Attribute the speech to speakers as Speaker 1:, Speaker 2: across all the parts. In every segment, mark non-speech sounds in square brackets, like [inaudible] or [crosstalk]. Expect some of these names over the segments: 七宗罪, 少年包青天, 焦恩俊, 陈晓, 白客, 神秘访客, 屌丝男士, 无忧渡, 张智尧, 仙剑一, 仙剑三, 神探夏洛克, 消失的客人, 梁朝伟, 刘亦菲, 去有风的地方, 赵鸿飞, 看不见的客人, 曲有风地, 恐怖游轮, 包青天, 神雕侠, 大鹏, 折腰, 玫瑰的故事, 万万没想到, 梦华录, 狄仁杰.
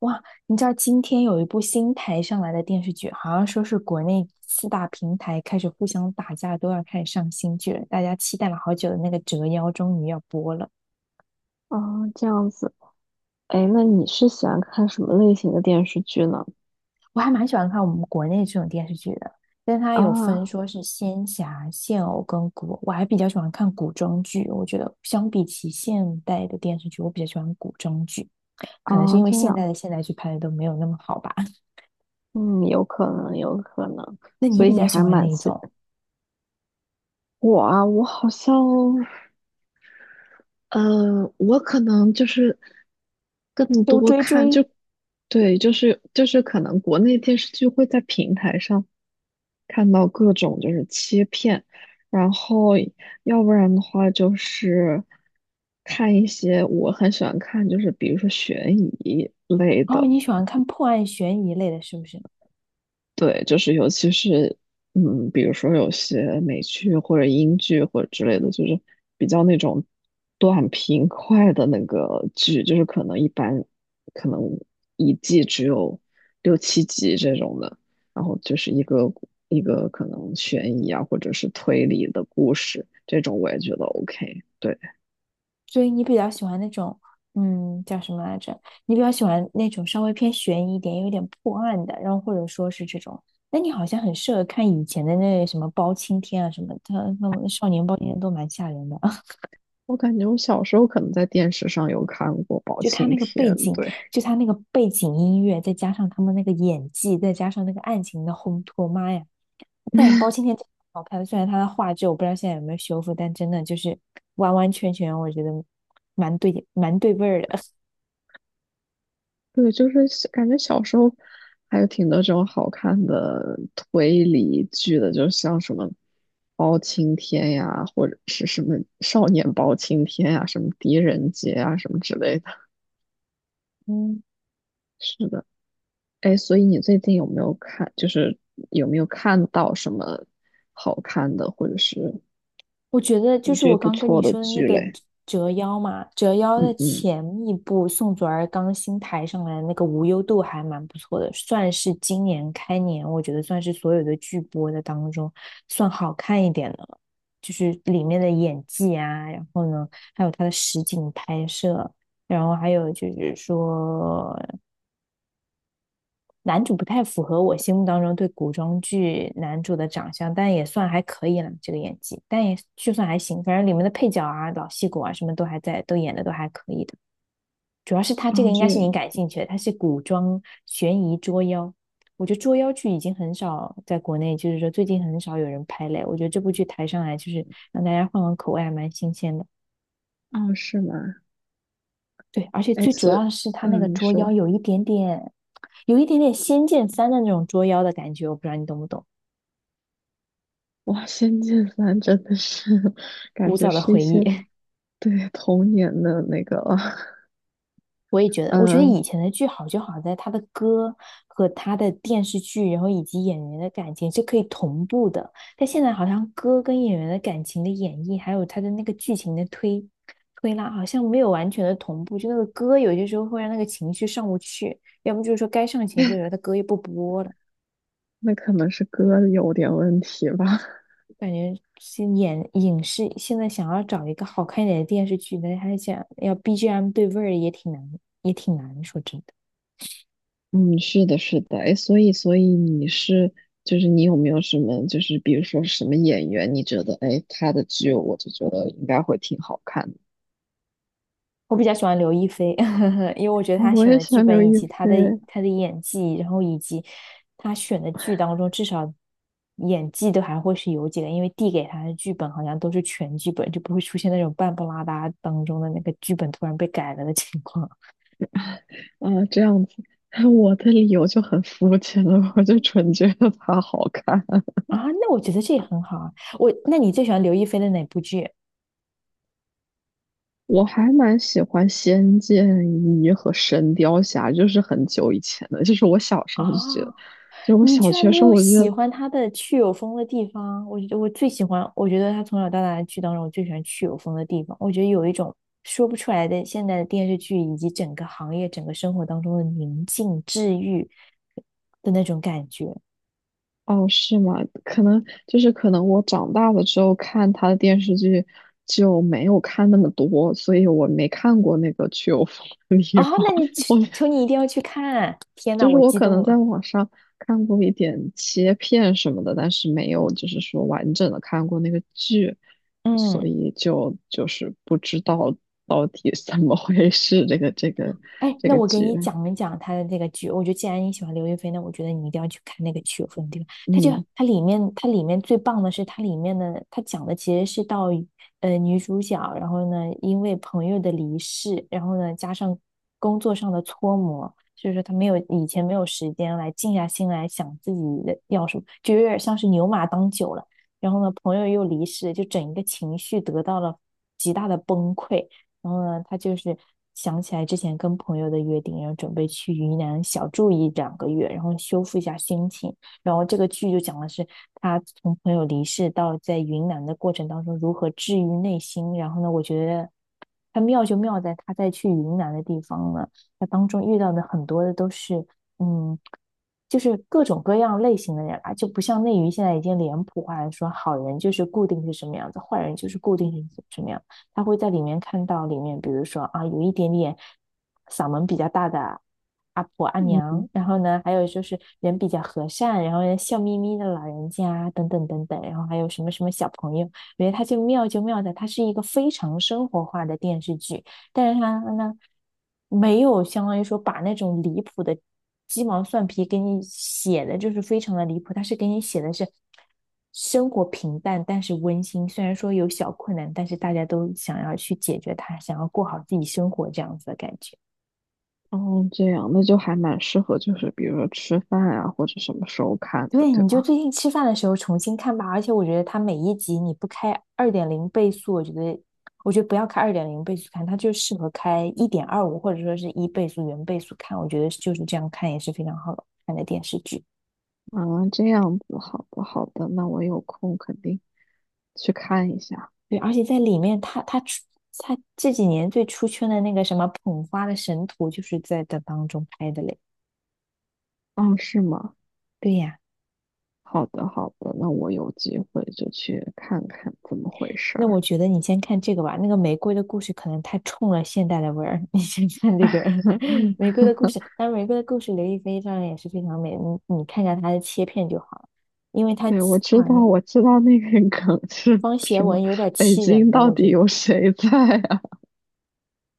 Speaker 1: 哇，你知道今天有一部新台上来的电视剧，好像说是国内四大平台开始互相打架，都要开始上新剧了。大家期待了好久的那个《折腰》终于要播了。
Speaker 2: 哦，这样子。哎，那你是喜欢看什么类型的电视剧呢？
Speaker 1: 我还蛮喜欢看我们国内这种电视剧的，但它有分
Speaker 2: 啊，
Speaker 1: 说是仙侠、现偶跟古偶，我还比较喜欢看古装剧。我觉得相比起现代的电视剧，我比较喜欢古装剧，可能是
Speaker 2: 啊，
Speaker 1: 因为
Speaker 2: 这
Speaker 1: 现
Speaker 2: 样。
Speaker 1: 代的现代剧拍的都没有那么好吧。
Speaker 2: 嗯，有可能，有可能。
Speaker 1: 那你
Speaker 2: 所以
Speaker 1: 比
Speaker 2: 你
Speaker 1: 较喜
Speaker 2: 还
Speaker 1: 欢哪
Speaker 2: 蛮
Speaker 1: 一
Speaker 2: 喜
Speaker 1: 种？
Speaker 2: 我啊，我好像，我可能就是更
Speaker 1: 都
Speaker 2: 多
Speaker 1: 追
Speaker 2: 看，
Speaker 1: 追？
Speaker 2: 对，就是可能国内电视剧会在平台上看到各种就是切片。然后要不然的话就是看一些我很喜欢看，就是比如说悬疑类
Speaker 1: 哦，
Speaker 2: 的。
Speaker 1: 你喜欢看破案悬疑类的，是不是？
Speaker 2: 对，就是尤其是比如说有些美剧或者英剧或者之类的，就是比较那种短平快的那个剧，就是可能一般可能一季只有六七集这种的。然后就是一个一个可能悬疑啊或者是推理的故事，这种我也觉得 OK。对。
Speaker 1: 所以你比较喜欢那种，嗯，叫什么来着？你比较喜欢那种稍微偏悬疑一点，有点破案的，然后或者说是这种。那你好像很适合看以前的那什么包青天啊什么的，他那种少年包青天都蛮吓人的。[laughs]
Speaker 2: 我感觉我小时候可能在电视上有看过《包
Speaker 1: 就他
Speaker 2: 青
Speaker 1: 那个
Speaker 2: 天》，
Speaker 1: 背景，
Speaker 2: 对。
Speaker 1: 就他那个背景音乐，再加上他们那个演技，再加上那个案情的烘托，妈呀！但包青天真的好看，虽然他的画质我不知道现在有没有修复，但真的就是完完全全，我觉得蛮对味儿的。
Speaker 2: 对，就是感觉小时候还有挺多这种好看的推理剧的，就像什么包青天呀，或者是什么少年包青天呀，什么狄仁杰啊，什么之类的。
Speaker 1: [laughs] 嗯。
Speaker 2: 是的。哎，所以你最近有没有看，就是有没有看到什么好看的，或者是
Speaker 1: 我觉得就
Speaker 2: 你
Speaker 1: 是
Speaker 2: 觉得
Speaker 1: 我
Speaker 2: 不
Speaker 1: 刚跟你
Speaker 2: 错的
Speaker 1: 说的那
Speaker 2: 剧
Speaker 1: 个
Speaker 2: 嘞？
Speaker 1: 折腰嘛，折腰
Speaker 2: 嗯
Speaker 1: 的
Speaker 2: 嗯。
Speaker 1: 前一部宋祖儿刚新抬上来的那个无忧渡还蛮不错的，算是今年开年，我觉得算是所有的剧播的当中算好看一点的了，就是里面的演技啊，然后呢，还有它的实景拍摄，然后还有就是说男主不太符合我心目当中对古装剧男主的长相，但也算还可以了，这个演技，但也就算还行，反正里面的配角啊、老戏骨啊什么都还在，都演的都还可以的。主要是他这个
Speaker 2: 啊，
Speaker 1: 应
Speaker 2: 这
Speaker 1: 该是你
Speaker 2: 个。
Speaker 1: 感兴趣的，他是古装悬疑捉妖，我觉得捉妖剧已经很少在国内，就是说最近很少有人拍嘞。我觉得这部剧抬上来就是让大家换换口味，还蛮新鲜的。
Speaker 2: 啊，是吗？
Speaker 1: 对，而且
Speaker 2: 哎，
Speaker 1: 最主
Speaker 2: 所以，
Speaker 1: 要的是他那个
Speaker 2: 你
Speaker 1: 捉妖
Speaker 2: 说。
Speaker 1: 有一点点，有一点点《仙剑三》的那种捉妖的感觉，我不知道你懂不懂。
Speaker 2: 哇，《仙剑三》真的是 [laughs]，感
Speaker 1: 古
Speaker 2: 觉
Speaker 1: 早的
Speaker 2: 是一
Speaker 1: 回忆。
Speaker 2: 些，
Speaker 1: [laughs]
Speaker 2: 对，童年的那个。[laughs]
Speaker 1: 我也觉得，我觉得
Speaker 2: 嗯，
Speaker 1: 以前的剧好就好在它的歌和它的电视剧，然后以及演员的感情是可以同步的。但现在好像歌跟演员的感情的演绎，还有它的那个剧情的推拉，好像没有完全的同步。就那个歌有些时候会让那个情绪上不去，要不就是说该上情绪的时候，它歌又不播了。
Speaker 2: 那可能是歌有点问题吧。
Speaker 1: 感觉是演影视现在想要找一个好看一点的电视剧，但是还想要 BGM 对味儿也挺难，也挺难。说真的。
Speaker 2: 嗯，是的，是的。哎，所以,就是你有没有什么，就是比如说什么演员，你觉得，哎，他的剧，我就觉得应该会挺好看的。
Speaker 1: 我比较喜欢刘亦菲，[laughs] 因为我觉得
Speaker 2: 啊，
Speaker 1: 她
Speaker 2: 我
Speaker 1: 选
Speaker 2: 也
Speaker 1: 的
Speaker 2: 喜
Speaker 1: 剧
Speaker 2: 欢刘
Speaker 1: 本以
Speaker 2: 亦
Speaker 1: 及她的
Speaker 2: 菲。
Speaker 1: 她的演技，然后以及她选的剧当中，至少演技都还会是有几个，因为递给她的剧本好像都是全剧本，就不会出现那种半不拉搭当中的那个剧本突然被改了的情况。
Speaker 2: 啊，这样子。[laughs] 我的理由就很肤浅了，我就纯觉得她好看。
Speaker 1: [laughs] 啊。那我觉得这也很好啊。我，那你最喜欢刘亦菲的哪部剧
Speaker 2: 我还蛮喜欢《仙剑一》和《神雕侠》，就是很久以前的，就是我小时
Speaker 1: 啊？
Speaker 2: 候就觉得，就是我
Speaker 1: 你
Speaker 2: 小
Speaker 1: 居然
Speaker 2: 学
Speaker 1: 没
Speaker 2: 时候
Speaker 1: 有
Speaker 2: 我就觉
Speaker 1: 喜
Speaker 2: 得。
Speaker 1: 欢他的去有风的地方？我觉得我最喜欢，我觉得他从小到大的剧当中，我最喜欢去有风的地方。我觉得有一种说不出来的现在的电视剧以及整个行业、整个生活当中的宁静治愈的那种感觉。
Speaker 2: 哦，是吗？可能就是可能我长大了之后看他的电视剧就没有看那么多，所以我没看过那个去有风的
Speaker 1: 哦，
Speaker 2: 地方。
Speaker 1: 那你求
Speaker 2: [laughs] 我
Speaker 1: 求你一定要去看啊！天呐，
Speaker 2: 就是
Speaker 1: 我
Speaker 2: 我
Speaker 1: 激
Speaker 2: 可
Speaker 1: 动
Speaker 2: 能在
Speaker 1: 了。
Speaker 2: 网上看过一点切片什么的，但是没有就是说完整的看过那个剧，所
Speaker 1: 嗯。
Speaker 2: 以就是不知道到底怎么回事这个这个
Speaker 1: 哎，
Speaker 2: 这
Speaker 1: 那
Speaker 2: 个
Speaker 1: 我给
Speaker 2: 剧。
Speaker 1: 你讲一讲他的这个剧。我觉得既然你喜欢刘亦菲，那我觉得你一定要去看那个《曲有风地》。它就
Speaker 2: 嗯
Speaker 1: 它里面，它里面最棒的是它里面的，它讲的其实是到女主角，然后呢因为朋友的离世，然后呢加上工作上的搓磨，所以说她没有以前没有时间来静下心来想自己的要什么，就有点像是牛马当久了。然后呢，朋友又离世，就整一个情绪得到了极大的崩溃。然后呢，他就是想起来之前跟朋友的约定，然后准备去云南小住一两个月，然后修复一下心情。然后这个剧就讲的是他从朋友离世到在云南的过程当中如何治愈内心。然后呢，我觉得他妙就妙在他在去云南的地方呢，他当中遇到的很多的都是嗯。就是各种各样类型的人啊，就不像内娱现在已经脸谱化了，说好人就是固定是什么样子，坏人就是固定是什么样子。他会在里面看到里面，比如说啊，有一点点嗓门比较大的阿婆阿娘，
Speaker 2: 嗯。
Speaker 1: 然后呢，还有就是人比较和善，然后呢笑眯眯的老人家等等等等，然后还有什么什么小朋友，我觉得他就妙就妙在他是一个非常生活化的电视剧。但是他呢，没有相当于说把那种离谱的鸡毛蒜皮给你写的，就是非常的离谱。他是给你写的是生活平淡，但是温馨。虽然说有小困难，但是大家都想要去解决它，想要过好自己生活这样子的感觉。
Speaker 2: 哦，这样，那就还蛮适合就是比如说吃饭啊或者什么时候看的，
Speaker 1: 对，
Speaker 2: 对
Speaker 1: 你就
Speaker 2: 吧？
Speaker 1: 最近吃饭的时候重新看吧。而且我觉得它每一集你不开二点零倍速，我觉得，我觉得不要开二点零倍速看，它就适合开一点二五或者说是一倍速、原倍速看。我觉得就是这样看也是非常好看的电视剧。
Speaker 2: 啊，这样子。好的好的，那我有空肯定去看一下。
Speaker 1: 对，而且在里面他出它这几年最出圈的那个什么捧花的神图，就是在这当中拍的嘞。
Speaker 2: 哦，是吗？
Speaker 1: 对呀。
Speaker 2: 好的，好的，那我有机会就去看看怎么回事
Speaker 1: 那我
Speaker 2: 儿。
Speaker 1: 觉得你先看这个吧，那个玫瑰的故事可能太冲了现代的味儿。[laughs] 你先看这个 [laughs] 玫瑰
Speaker 2: [laughs]
Speaker 1: 的故事，当然玫瑰的故事，刘亦菲当然也是非常美，你看一下她的切片就好了，因为她
Speaker 2: 对，我
Speaker 1: 她
Speaker 2: 知
Speaker 1: 好
Speaker 2: 道，
Speaker 1: 像
Speaker 2: 我知道那个梗是
Speaker 1: 方协
Speaker 2: 什
Speaker 1: 文
Speaker 2: 么。
Speaker 1: 有点
Speaker 2: 北
Speaker 1: 气人
Speaker 2: 京
Speaker 1: 的，
Speaker 2: 到
Speaker 1: 我觉
Speaker 2: 底
Speaker 1: 得，
Speaker 2: 有谁在啊？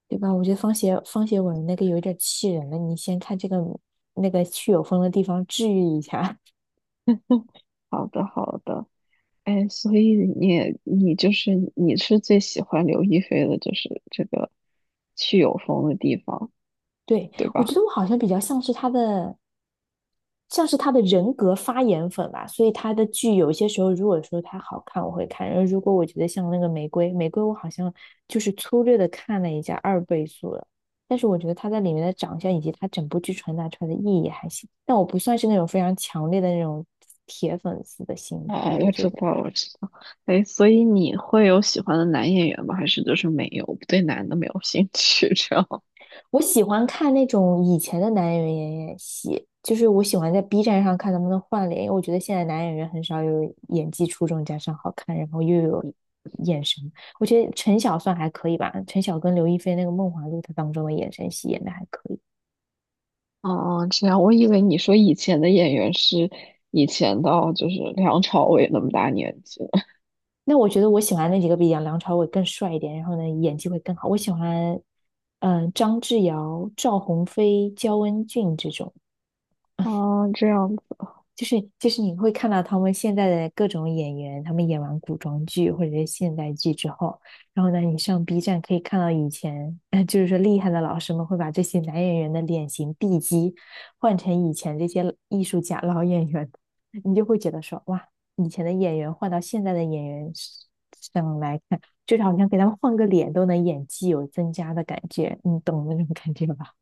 Speaker 1: 对吧？我觉得方协文那个有点气人的，你先看这个那个去有风的地方治愈一下。
Speaker 2: [laughs] 好的，好的。哎，所以你也你就是你是最喜欢刘亦菲的，就是这个去有风的地方，
Speaker 1: [laughs] 对，
Speaker 2: 对
Speaker 1: 我觉
Speaker 2: 吧？
Speaker 1: 得我好像比较像是她的。像是他的人格发言粉吧，所以他的剧有些时候，如果说他好看，我会看；然后如果我觉得像那个玫瑰，玫瑰我好像就是粗略的看了一下二倍速了，但是我觉得他在里面的长相以及他整部剧传达出来的意义还行，但我不算是那种非常强烈的那种铁粉丝的心态，
Speaker 2: 哦，
Speaker 1: 我
Speaker 2: 我
Speaker 1: 觉
Speaker 2: 知
Speaker 1: 得。
Speaker 2: 道，我知道。哎，所以你会有喜欢的男演员吗？还是就是没有，对男的没有兴趣这样？
Speaker 1: 我喜欢看那种以前的男演员演演戏，就是我喜欢在 B 站上看能不能换脸，因为我觉得现在男演员很少有演技出众加上好看，然后又有眼神。我觉得陈晓算还可以吧，陈晓跟刘亦菲那个《梦华录》他当中的眼神戏演的还可以。
Speaker 2: 哦哦，这样，我以为你说以前的演员是以前，到就是梁朝伟那么大年纪了。
Speaker 1: 那我觉得我喜欢那几个比杨梁朝伟更帅一点，然后呢演技会更好。我喜欢张智尧、赵鸿飞、焦恩俊这种。
Speaker 2: 哦，这样子。
Speaker 1: 就是就是你会看到他们现在的各种演员，他们演完古装剧或者是现代剧之后，然后呢，你上 B 站可以看到以前，[laughs] 就是说厉害的老师们会把这些男演员的脸型地基换成以前这些艺术家老演员，你就会觉得说哇，以前的演员换到现在的演员上来看，就是好像给他们换个脸都能演技有增加的感觉，你懂那种感觉吧？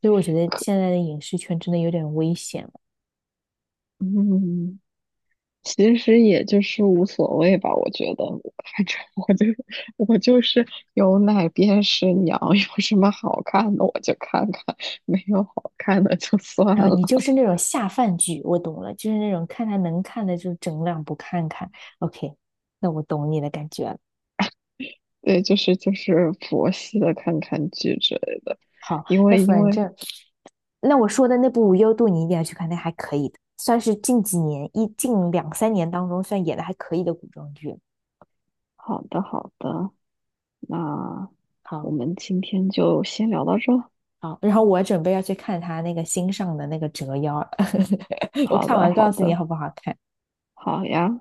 Speaker 1: 所以我觉得现在的影视圈真的有点危险。
Speaker 2: 嗯，其实也就是无所谓吧，我觉得。[laughs] 反正我就是有奶便是娘。[laughs] 有什么好看的我就看看，没有好看的就算
Speaker 1: 然后
Speaker 2: 了。
Speaker 1: 你就是那种下饭剧，我懂了，就是那种看他能看的就整两部看看。OK,那我懂你的感觉了。
Speaker 2: 对，就是佛系的看看剧之类的。
Speaker 1: 好，
Speaker 2: 因
Speaker 1: 那
Speaker 2: 为因
Speaker 1: 反
Speaker 2: 为
Speaker 1: 正那我说的那部《无忧渡》，你一定要去看，那还可以的，算是近几年一近两三年当中算演的还可以的古装剧。
Speaker 2: 好的好的，那我
Speaker 1: 好，
Speaker 2: 们今天就先聊到这。
Speaker 1: 好，然后我准备要去看他那个新上的那个《折腰》，[laughs] 我
Speaker 2: 好
Speaker 1: 看
Speaker 2: 的，
Speaker 1: 完
Speaker 2: 好
Speaker 1: 告诉你
Speaker 2: 的。
Speaker 1: 好不好看。
Speaker 2: 好呀。